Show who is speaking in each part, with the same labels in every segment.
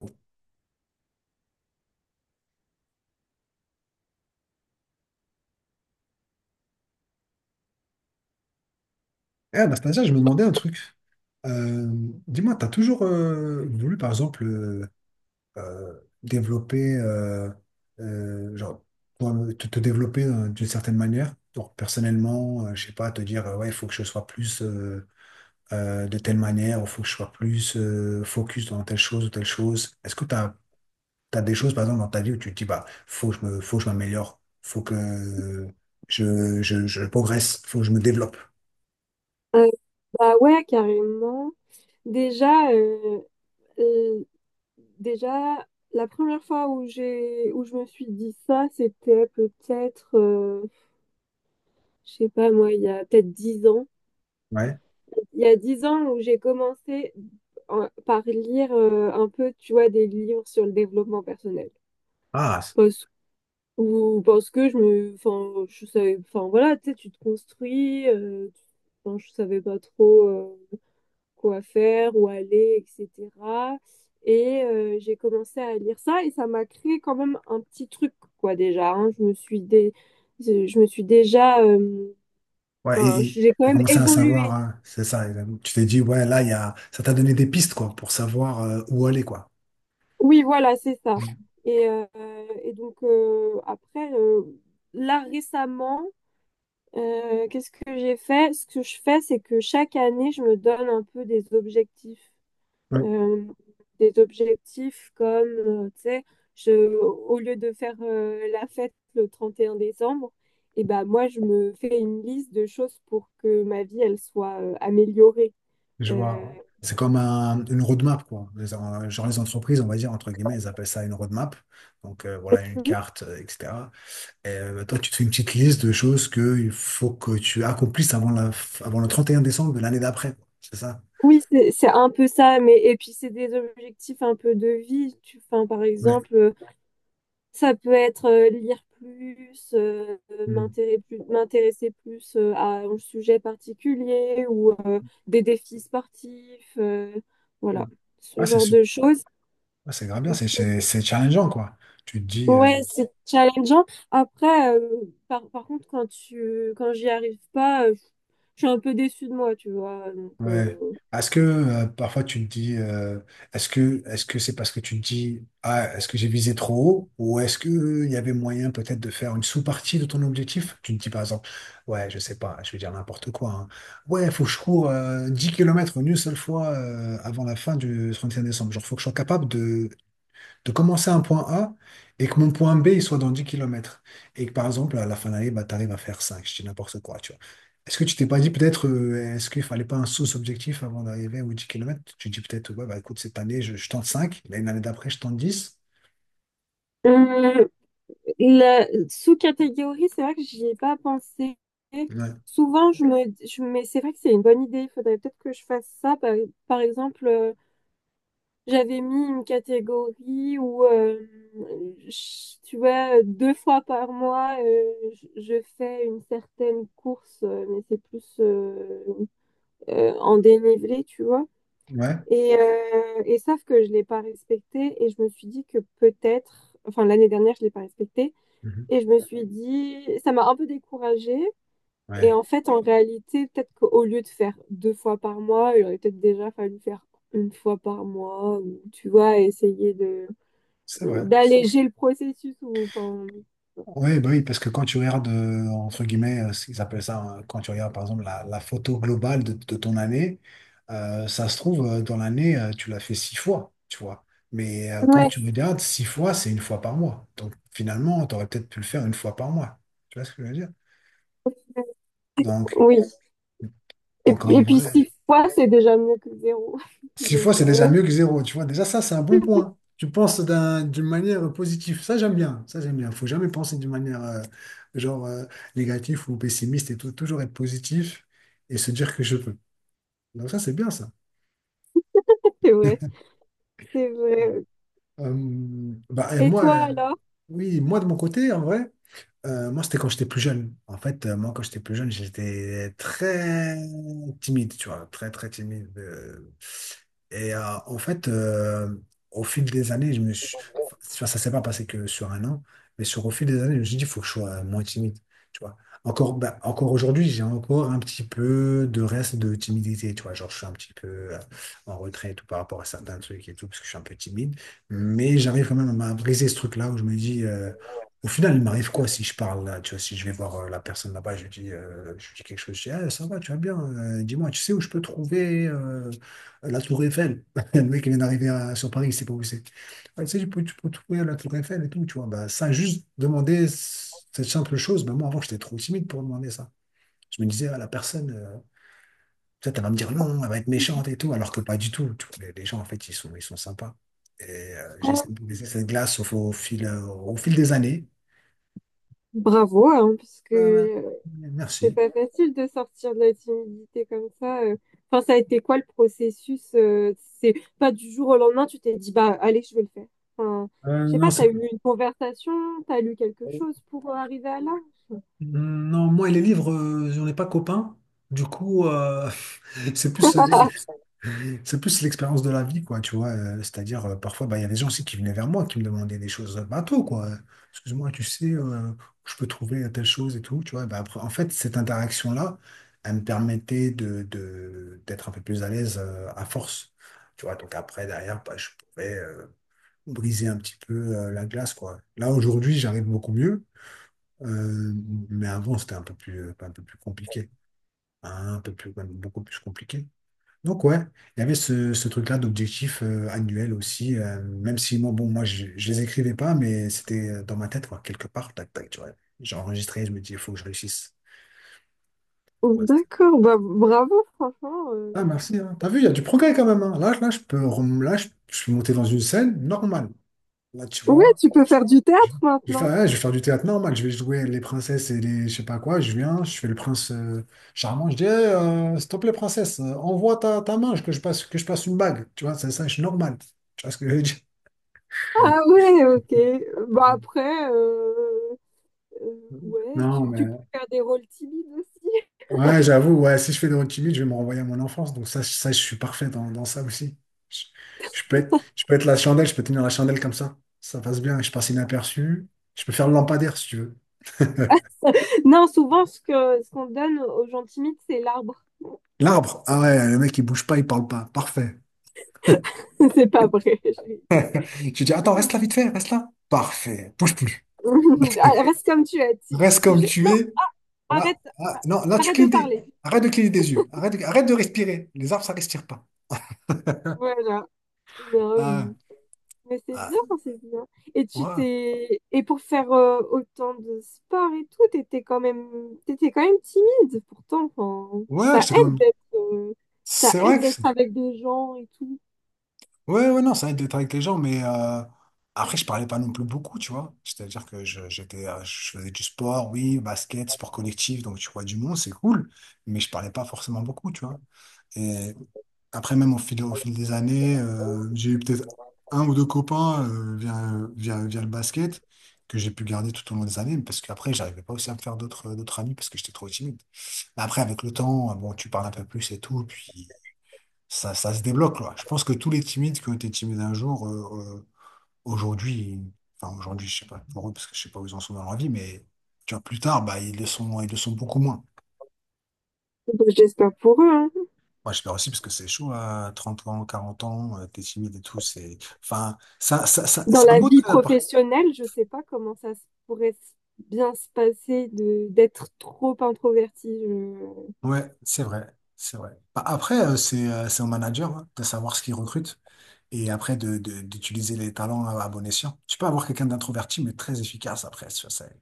Speaker 1: Eh, Anastasia, je me demandais un truc. Euh, Dis-moi, tu as toujours voulu, par exemple, développer, genre, toi, te développer d'une certaine manière, genre, personnellement, je sais pas, te dire, ouais, il faut que je sois plus de telle manière, il faut que je sois plus focus dans telle chose ou telle chose. Est-ce que tu as des choses, par exemple, dans ta vie où tu te dis, bah, faut que je m'améliore, faut que je progresse, faut que je me développe.
Speaker 2: Euh, bah ouais, carrément. Déjà, euh, déjà, la première fois où je me suis dit ça, c'était peut-être, je sais pas moi, il y a peut-être dix ans.
Speaker 1: Ouais.
Speaker 2: Il y a dix ans où j'ai commencé par lire un peu, tu vois, des livres sur le développement personnel.
Speaker 1: Ah.
Speaker 2: Parce, ou parce que enfin, je savais, enfin voilà, tu sais, tu te construis. Enfin, je savais pas trop, quoi faire, où aller, etc. Et j'ai commencé à lire ça et ça m'a créé quand même un petit truc, quoi, déjà, hein. Je me suis déjà,
Speaker 1: Ouais,
Speaker 2: enfin,
Speaker 1: et
Speaker 2: j'ai quand
Speaker 1: tu as
Speaker 2: même
Speaker 1: commencé à savoir,
Speaker 2: évolué.
Speaker 1: hein, c'est ça. Et tu t'es dit, ouais, là, il y a, ça t'a donné des pistes, quoi, pour savoir où aller, quoi.
Speaker 2: Oui, voilà, c'est ça. Et, euh, et donc, après, là, récemment, qu'est-ce que j'ai fait? Ce que je fais, c'est que chaque année, je me donne un peu des objectifs.
Speaker 1: Oui.
Speaker 2: euh, des objectifs comme, tu sais, je, au lieu de faire la fête le 31 décembre, et ben moi, je me fais une liste de choses pour que ma vie, elle soit améliorée.
Speaker 1: Je
Speaker 2: Euh,
Speaker 1: vois. C'est comme une roadmap, quoi. Genre les entreprises, on va dire, entre guillemets, elles appellent ça une roadmap. Donc, voilà, une carte, etc. Et toi, tu te fais une petite liste de choses qu'il faut que tu accomplisses avant, avant le 31 décembre de l'année d'après, quoi. C'est ça?
Speaker 2: oui, c'est un peu ça, mais et puis c'est des objectifs un peu de vie. Enfin, par
Speaker 1: Ouais.
Speaker 2: exemple, ça peut être lire plus,
Speaker 1: Mm.
Speaker 2: m'intéresser plus à un sujet particulier ou des défis sportifs,
Speaker 1: Mm.
Speaker 2: voilà, ce
Speaker 1: Ah, c'est
Speaker 2: genre
Speaker 1: su-
Speaker 2: de choses.
Speaker 1: ah, c'est grave bien, c'est
Speaker 2: euh,
Speaker 1: c'est- c'est challengeant, quoi. Tu te dis.
Speaker 2: Ouais, c'est challengeant. Après, par contre, quand j'y arrive pas, je suis un peu déçue de moi, tu vois. Donc,
Speaker 1: Ouais. Est-ce que parfois tu te dis, est-ce que c'est parce que tu te dis, ah, est-ce que j'ai visé trop haut, ou est-ce que il y avait moyen peut-être de faire une sous-partie de ton objectif? Tu te dis par exemple, ouais, je sais pas, je vais dire n'importe quoi, hein. Ouais, il faut que je cours 10 km une seule fois avant la fin du 31 décembre. Genre, faut que je sois capable de commencer à un point A et que mon point B il soit dans 10 km. Et que par exemple, à la fin de l'année, bah, tu arrives à faire cinq, je dis n'importe quoi, tu vois. Est-ce que tu t'es pas dit peut-être, est-ce qu'il fallait pas un sous-objectif avant d'arriver aux 10 km? Tu te dis peut-être, ouais, bah, écoute, cette année, je tente 5, l'année d'après, je tente dix.
Speaker 2: euh, la sous-catégorie, c'est vrai que j'y ai pas pensé.
Speaker 1: Ouais,
Speaker 2: Souvent, je me, je, mais c'est vrai que c'est une bonne idée. Il faudrait peut-être que je fasse ça. Par exemple, j'avais mis une catégorie où, tu vois, deux fois par mois, je fais une certaine course, mais c'est plus en dénivelé, tu vois.
Speaker 1: ouais.
Speaker 2: Et sauf que je l'ai pas respecté et je me suis dit que peut-être, enfin l'année dernière, je l'ai pas respecté.
Speaker 1: Mhm.
Speaker 2: Et je me suis dit, ça m'a un peu découragée. Et
Speaker 1: Ouais.
Speaker 2: en fait, en réalité, peut-être qu'au lieu de faire deux fois par mois, il aurait peut-être déjà fallu faire une fois par mois, ou tu vois, essayer de
Speaker 1: C'est vrai.
Speaker 2: d'alléger le processus. Ou, enfin,
Speaker 1: Oui, bah oui, parce que quand tu regardes, entre guillemets, ce qu'ils appellent ça, hein, quand tu regardes par exemple la photo globale de ton année, ça se trouve, dans l'année, tu l'as fait six fois, tu vois. Mais quand
Speaker 2: ouais.
Speaker 1: tu regardes, six fois, c'est une fois par mois. Donc finalement, tu aurais peut-être pu le faire une fois par mois. Tu vois ce que je veux dire? Donc,
Speaker 2: Oui. Et, puis-
Speaker 1: en
Speaker 2: et puis
Speaker 1: vrai.
Speaker 2: six fois, c'est déjà mieux que zéro.
Speaker 1: Six fois,
Speaker 2: Donc,
Speaker 1: c'est déjà mieux que zéro, tu vois. Déjà, ça, c'est un bon point. Tu penses d'une manière positive. Ça, j'aime bien. Ça, j'aime bien. Faut jamais penser d'une manière genre euh, négative ou pessimiste et tout. Toujours être positif et se dire que je peux. Donc ça, c'est bien ça.
Speaker 2: c'est vrai. C'est vrai.
Speaker 1: Bah, et
Speaker 2: Et
Speaker 1: moi,
Speaker 2: toi alors?
Speaker 1: oui, moi de mon côté, en vrai. Moi, c'était quand j'étais plus jeune. En fait, moi, quand j'étais plus jeune, j'étais très timide, tu vois, très, très timide. Et en fait, au fil des années, je me suis… enfin, ça s'est pas passé que sur un an, mais sur au fil des années, je me suis dit, il faut que je sois moins timide, tu vois. Encore, bah, encore aujourd'hui, j'ai encore un petit peu de reste de timidité, tu vois. Genre, je suis un petit peu euh, en retrait et tout par rapport à certains trucs et tout, parce que je suis un peu timide. Mais j'arrive quand même à briser ce truc-là où je me dis… au final, il m'arrive quoi si je parle, là, tu vois, si je vais voir la personne là-bas, je lui dis, quelque chose, je dis, ah, ça va, tu vas bien, dis-moi, tu sais où je peux trouver la Tour Eiffel? Le mec, il vient d'arriver sur Paris, il sait pas où c'est. Ah, tu sais, tu peux trouver la Tour Eiffel et tout, tu vois. Bah, ça, juste demander cette simple chose, bah, moi, avant, j'étais trop timide pour demander ça. Je me disais, ah, la personne, peut-être elle va me dire non, elle va être méchante et tout, alors que pas du tout. Tu vois, les gens, en fait, ils sont sympas. Et j'ai
Speaker 2: Alors,
Speaker 1: laissé cette glace au fil des années.
Speaker 2: bravo, hein, puisque
Speaker 1: Euh,
Speaker 2: c'est
Speaker 1: Merci.
Speaker 2: pas facile de sortir de la timidité comme ça. Enfin, ça a été quoi le processus? C'est pas du jour au lendemain, tu t'es dit, bah, allez, je vais le faire. Enfin,
Speaker 1: Euh,
Speaker 2: je sais
Speaker 1: non,
Speaker 2: pas, t'as
Speaker 1: c'est-
Speaker 2: eu une conversation, t'as lu quelque chose pour arriver à là?
Speaker 1: non, moi et les livres, j'en ai pas copain. Du coup, c'est plus, euh, c'est plus l'expérience de la vie, quoi, tu vois. C'est-à-dire, parfois, bah, il y a des gens aussi qui venaient vers moi, qui me demandaient des choses bateau, quoi. Excuse-moi, tu sais, je peux trouver telle chose et tout, tu vois. Bah, après, en fait, cette interaction-là, elle me permettait d'être un peu plus à l'aise, à force. Tu vois, donc après, derrière, bah, je pouvais briser un petit peu la glace, quoi. Là, aujourd'hui, j'arrive beaucoup mieux, euh, mais avant, c'était un peu plus compliqué, hein, un peu plus, même beaucoup plus compliqué. Donc, ouais, il y avait ce, ce truc-là d'objectif annuel aussi, même si, moi, bon, moi, je les écrivais pas, mais c'était dans ma tête, quoi, quelque part, tac, tac, tu vois. J'ai enregistré, je me dis, il faut que je réussisse.
Speaker 2: Oh,
Speaker 1: Voilà,
Speaker 2: d'accord, bah, bravo, franchement.
Speaker 1: ah, merci, hein. T'as vu, il y a du progrès quand même, hein. Là, là, là, je suis monté dans une scène normale. Là, tu
Speaker 2: Ouais,
Speaker 1: vois,
Speaker 2: tu peux faire du
Speaker 1: Je
Speaker 2: théâtre
Speaker 1: je vais faire,
Speaker 2: maintenant.
Speaker 1: ouais, je vais faire du théâtre normal, je vais jouer les princesses et les je sais pas quoi, je viens, je fais le prince charmant, je dis Eh, s'il te plaît princesse, envoie ta main que je passe une bague, tu vois, ça je suis normal. Tu vois ce que je veux dire?
Speaker 2: Ah ouais, ok. Bah après, euh, ouais,
Speaker 1: Non,
Speaker 2: tu
Speaker 1: mais
Speaker 2: peux faire des rôles timides aussi.
Speaker 1: ouais, j'avoue, ouais, si je fais de votre timide, je vais me renvoyer à mon enfance. Donc ça, ça je suis parfait dans, dans ça aussi. Je, je peux être la chandelle, je peux tenir la chandelle comme ça. Ça passe bien, je passe inaperçu. Je peux faire le lampadaire si tu veux.
Speaker 2: Non, souvent, ce qu'on donne aux gens timides, c'est l'arbre.
Speaker 1: L'arbre, ah ouais, le mec il bouge pas, il parle pas. Parfait.
Speaker 2: C'est pas vrai, je rigole.
Speaker 1: Je dis, attends, reste là vite fait, reste là. Parfait, bouge plus.
Speaker 2: Ah, reste comme tu es.
Speaker 1: Reste comme
Speaker 2: Juste,
Speaker 1: tu
Speaker 2: non,
Speaker 1: es. Voilà.
Speaker 2: arrête,
Speaker 1: Ah, non, là, tu
Speaker 2: de
Speaker 1: clignes des…
Speaker 2: parler.
Speaker 1: Arrête de cligner des yeux. Arrête de respirer. Les arbres, ça respire pas.
Speaker 2: Voilà. Non,
Speaker 1: Ah.
Speaker 2: mais c'est
Speaker 1: Ah,
Speaker 2: bien, c'est bien. Et tu
Speaker 1: ouais.
Speaker 2: t'es, et pour faire autant de sport et tout, t'étais quand même timide. Pourtant, enfin,
Speaker 1: Ouais, c'est quand même…
Speaker 2: ça
Speaker 1: C'est vrai
Speaker 2: aide
Speaker 1: que…
Speaker 2: d'être avec des gens et tout.
Speaker 1: Ouais, ouais, non, ça aide d'être avec les gens, mais après, je parlais pas non plus beaucoup, tu vois. C'est-à-dire que je faisais du sport, oui, basket, sport collectif, donc tu vois du monde, c'est cool, mais je parlais pas forcément beaucoup, tu vois. Et après, même au fil des années, j'ai eu peut-être un ou deux copains via le basket que j'ai pu garder tout au long des années, parce qu'après, j'arrivais pas aussi à me faire d'autres amis parce que j'étais trop timide. Mais après, avec le temps, bon, tu parles un peu plus et tout, puis ça se débloque, quoi. Je pense que tous les timides qui ont été timides un jour, aujourd'hui, enfin aujourd'hui, je sais pas pour eux, parce que je sais pas où ils en sont dans leur vie, mais tu vois, plus tard, bah, ils le sont beaucoup moins.
Speaker 2: Bah, j'espère pour eux, hein.
Speaker 1: Moi, j'espère aussi, parce que c'est chaud à 30 ans, 40 ans, t'es timide et tout, c'est, enfin,
Speaker 2: Dans
Speaker 1: c'est un
Speaker 2: la
Speaker 1: beau
Speaker 2: vie
Speaker 1: trait d'appart.
Speaker 2: professionnelle, je sais pas comment pourrait bien se passer de d'être trop introvertie.
Speaker 1: Ouais, c'est vrai, c'est vrai. Bah, après, c'est au manager, hein, de savoir ce qu'il recrute. Et après, d'utiliser les talents à bon escient. Tu peux avoir quelqu'un d'introverti, mais très efficace après.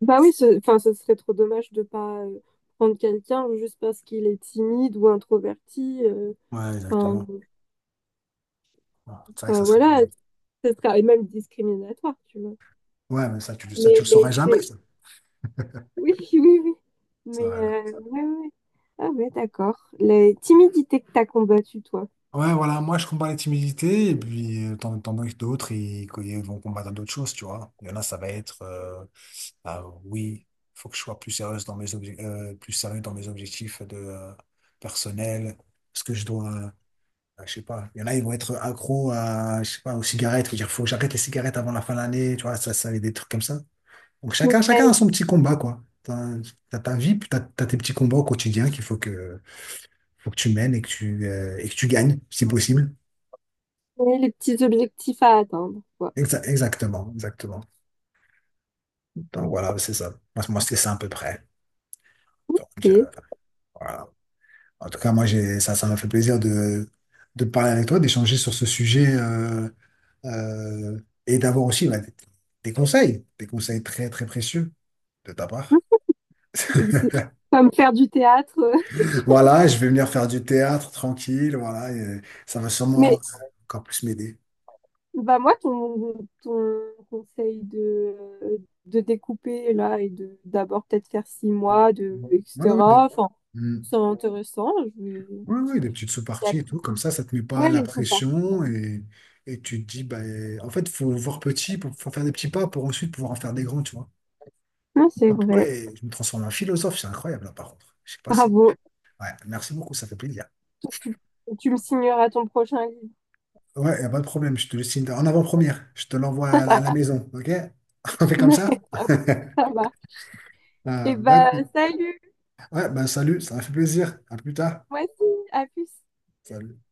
Speaker 2: Bah oui, enfin, ce serait trop dommage de pas prendre quelqu'un juste parce qu'il est timide ou introverti.
Speaker 1: Ouais,
Speaker 2: Enfin,
Speaker 1: exactement. Ah, c'est vrai que ça
Speaker 2: enfin,
Speaker 1: serait
Speaker 2: voilà,
Speaker 1: bon.
Speaker 2: ce serait même discriminatoire, tu vois.
Speaker 1: Ouais, mais ça, ça, tu le
Speaker 2: Mais
Speaker 1: saurais jamais,
Speaker 2: c'est
Speaker 1: ça.
Speaker 2: oui, oui, oui.
Speaker 1: Ça,
Speaker 2: Mais,
Speaker 1: euh,
Speaker 2: ouais, ouais, ouais. Ah, ouais, d'accord. La timidité que t'as combattue, toi.
Speaker 1: Ouais, voilà, moi, je combats les timidités, et puis, t'en as d'autres, ils vont combattre d'autres choses, tu vois. Il y en a, ça va être, ah, oui, faut que je sois plus sérieuse dans mes obje- plus sérieux dans mes objectifs personnels, parce que je sais pas, il y en a, ils vont être accros à, je sais pas, aux cigarettes, faut dire, faut que j'arrête les cigarettes avant la fin de l'année, tu vois, ça, des trucs comme ça. Donc chacun, chacun
Speaker 2: Ouais,
Speaker 1: a son petit combat, quoi. T'as ta vie, puis t'as tes petits combats au quotidien faut que tu mènes et que tu gagnes, si possible.
Speaker 2: ouais, les petits objectifs à atteindre, quoi.
Speaker 1: Exactement, exactement. Donc voilà, c'est ça. Moi, c'est ça à peu près. Donc
Speaker 2: Ok.
Speaker 1: voilà. En tout cas, moi, j'ai, ça m'a fait plaisir de parler avec toi, d'échanger sur ce sujet euh, et d'avoir aussi bah, des conseils très, très précieux de ta part.
Speaker 2: C'est comme faire du théâtre.
Speaker 1: Voilà, je vais venir faire du théâtre tranquille, voilà, et ça va sûrement
Speaker 2: Mais
Speaker 1: encore plus m'aider.
Speaker 2: bah moi, ton conseil de découper là et de d'abord peut-être faire six mois, de,
Speaker 1: Oui, oui, des
Speaker 2: etc. Enfin,
Speaker 1: Mm.
Speaker 2: c'est intéressant. Je
Speaker 1: Ouais, ouais, des petites sous-parties
Speaker 2: vais...
Speaker 1: et tout, comme ça te met pas
Speaker 2: Ouais,
Speaker 1: la
Speaker 2: les sous pas.
Speaker 1: pression, et tu te dis, bah, en fait, faut voir petit, faut faire des petits pas pour ensuite pouvoir en faire des grands, tu vois.
Speaker 2: Non, c'est
Speaker 1: Ah,
Speaker 2: vrai.
Speaker 1: purée, je me transforme en philosophe, c'est incroyable là, par contre. Je sais pas si.
Speaker 2: Bravo.
Speaker 1: Ouais, merci beaucoup, ça fait plaisir.
Speaker 2: Tu, tu me signeras ton prochain livre.
Speaker 1: Ouais, y a pas de problème, je te le signe en avant-première, je te l'envoie à la maison, ok? On fait comme ça?
Speaker 2: Ça va.
Speaker 1: Ah,
Speaker 2: Et
Speaker 1: bah,
Speaker 2: bah,
Speaker 1: écoute.
Speaker 2: salut.
Speaker 1: Ouais, ben salut, ça m'a fait plaisir. À plus tard.
Speaker 2: Moi aussi. À plus.
Speaker 1: Salut.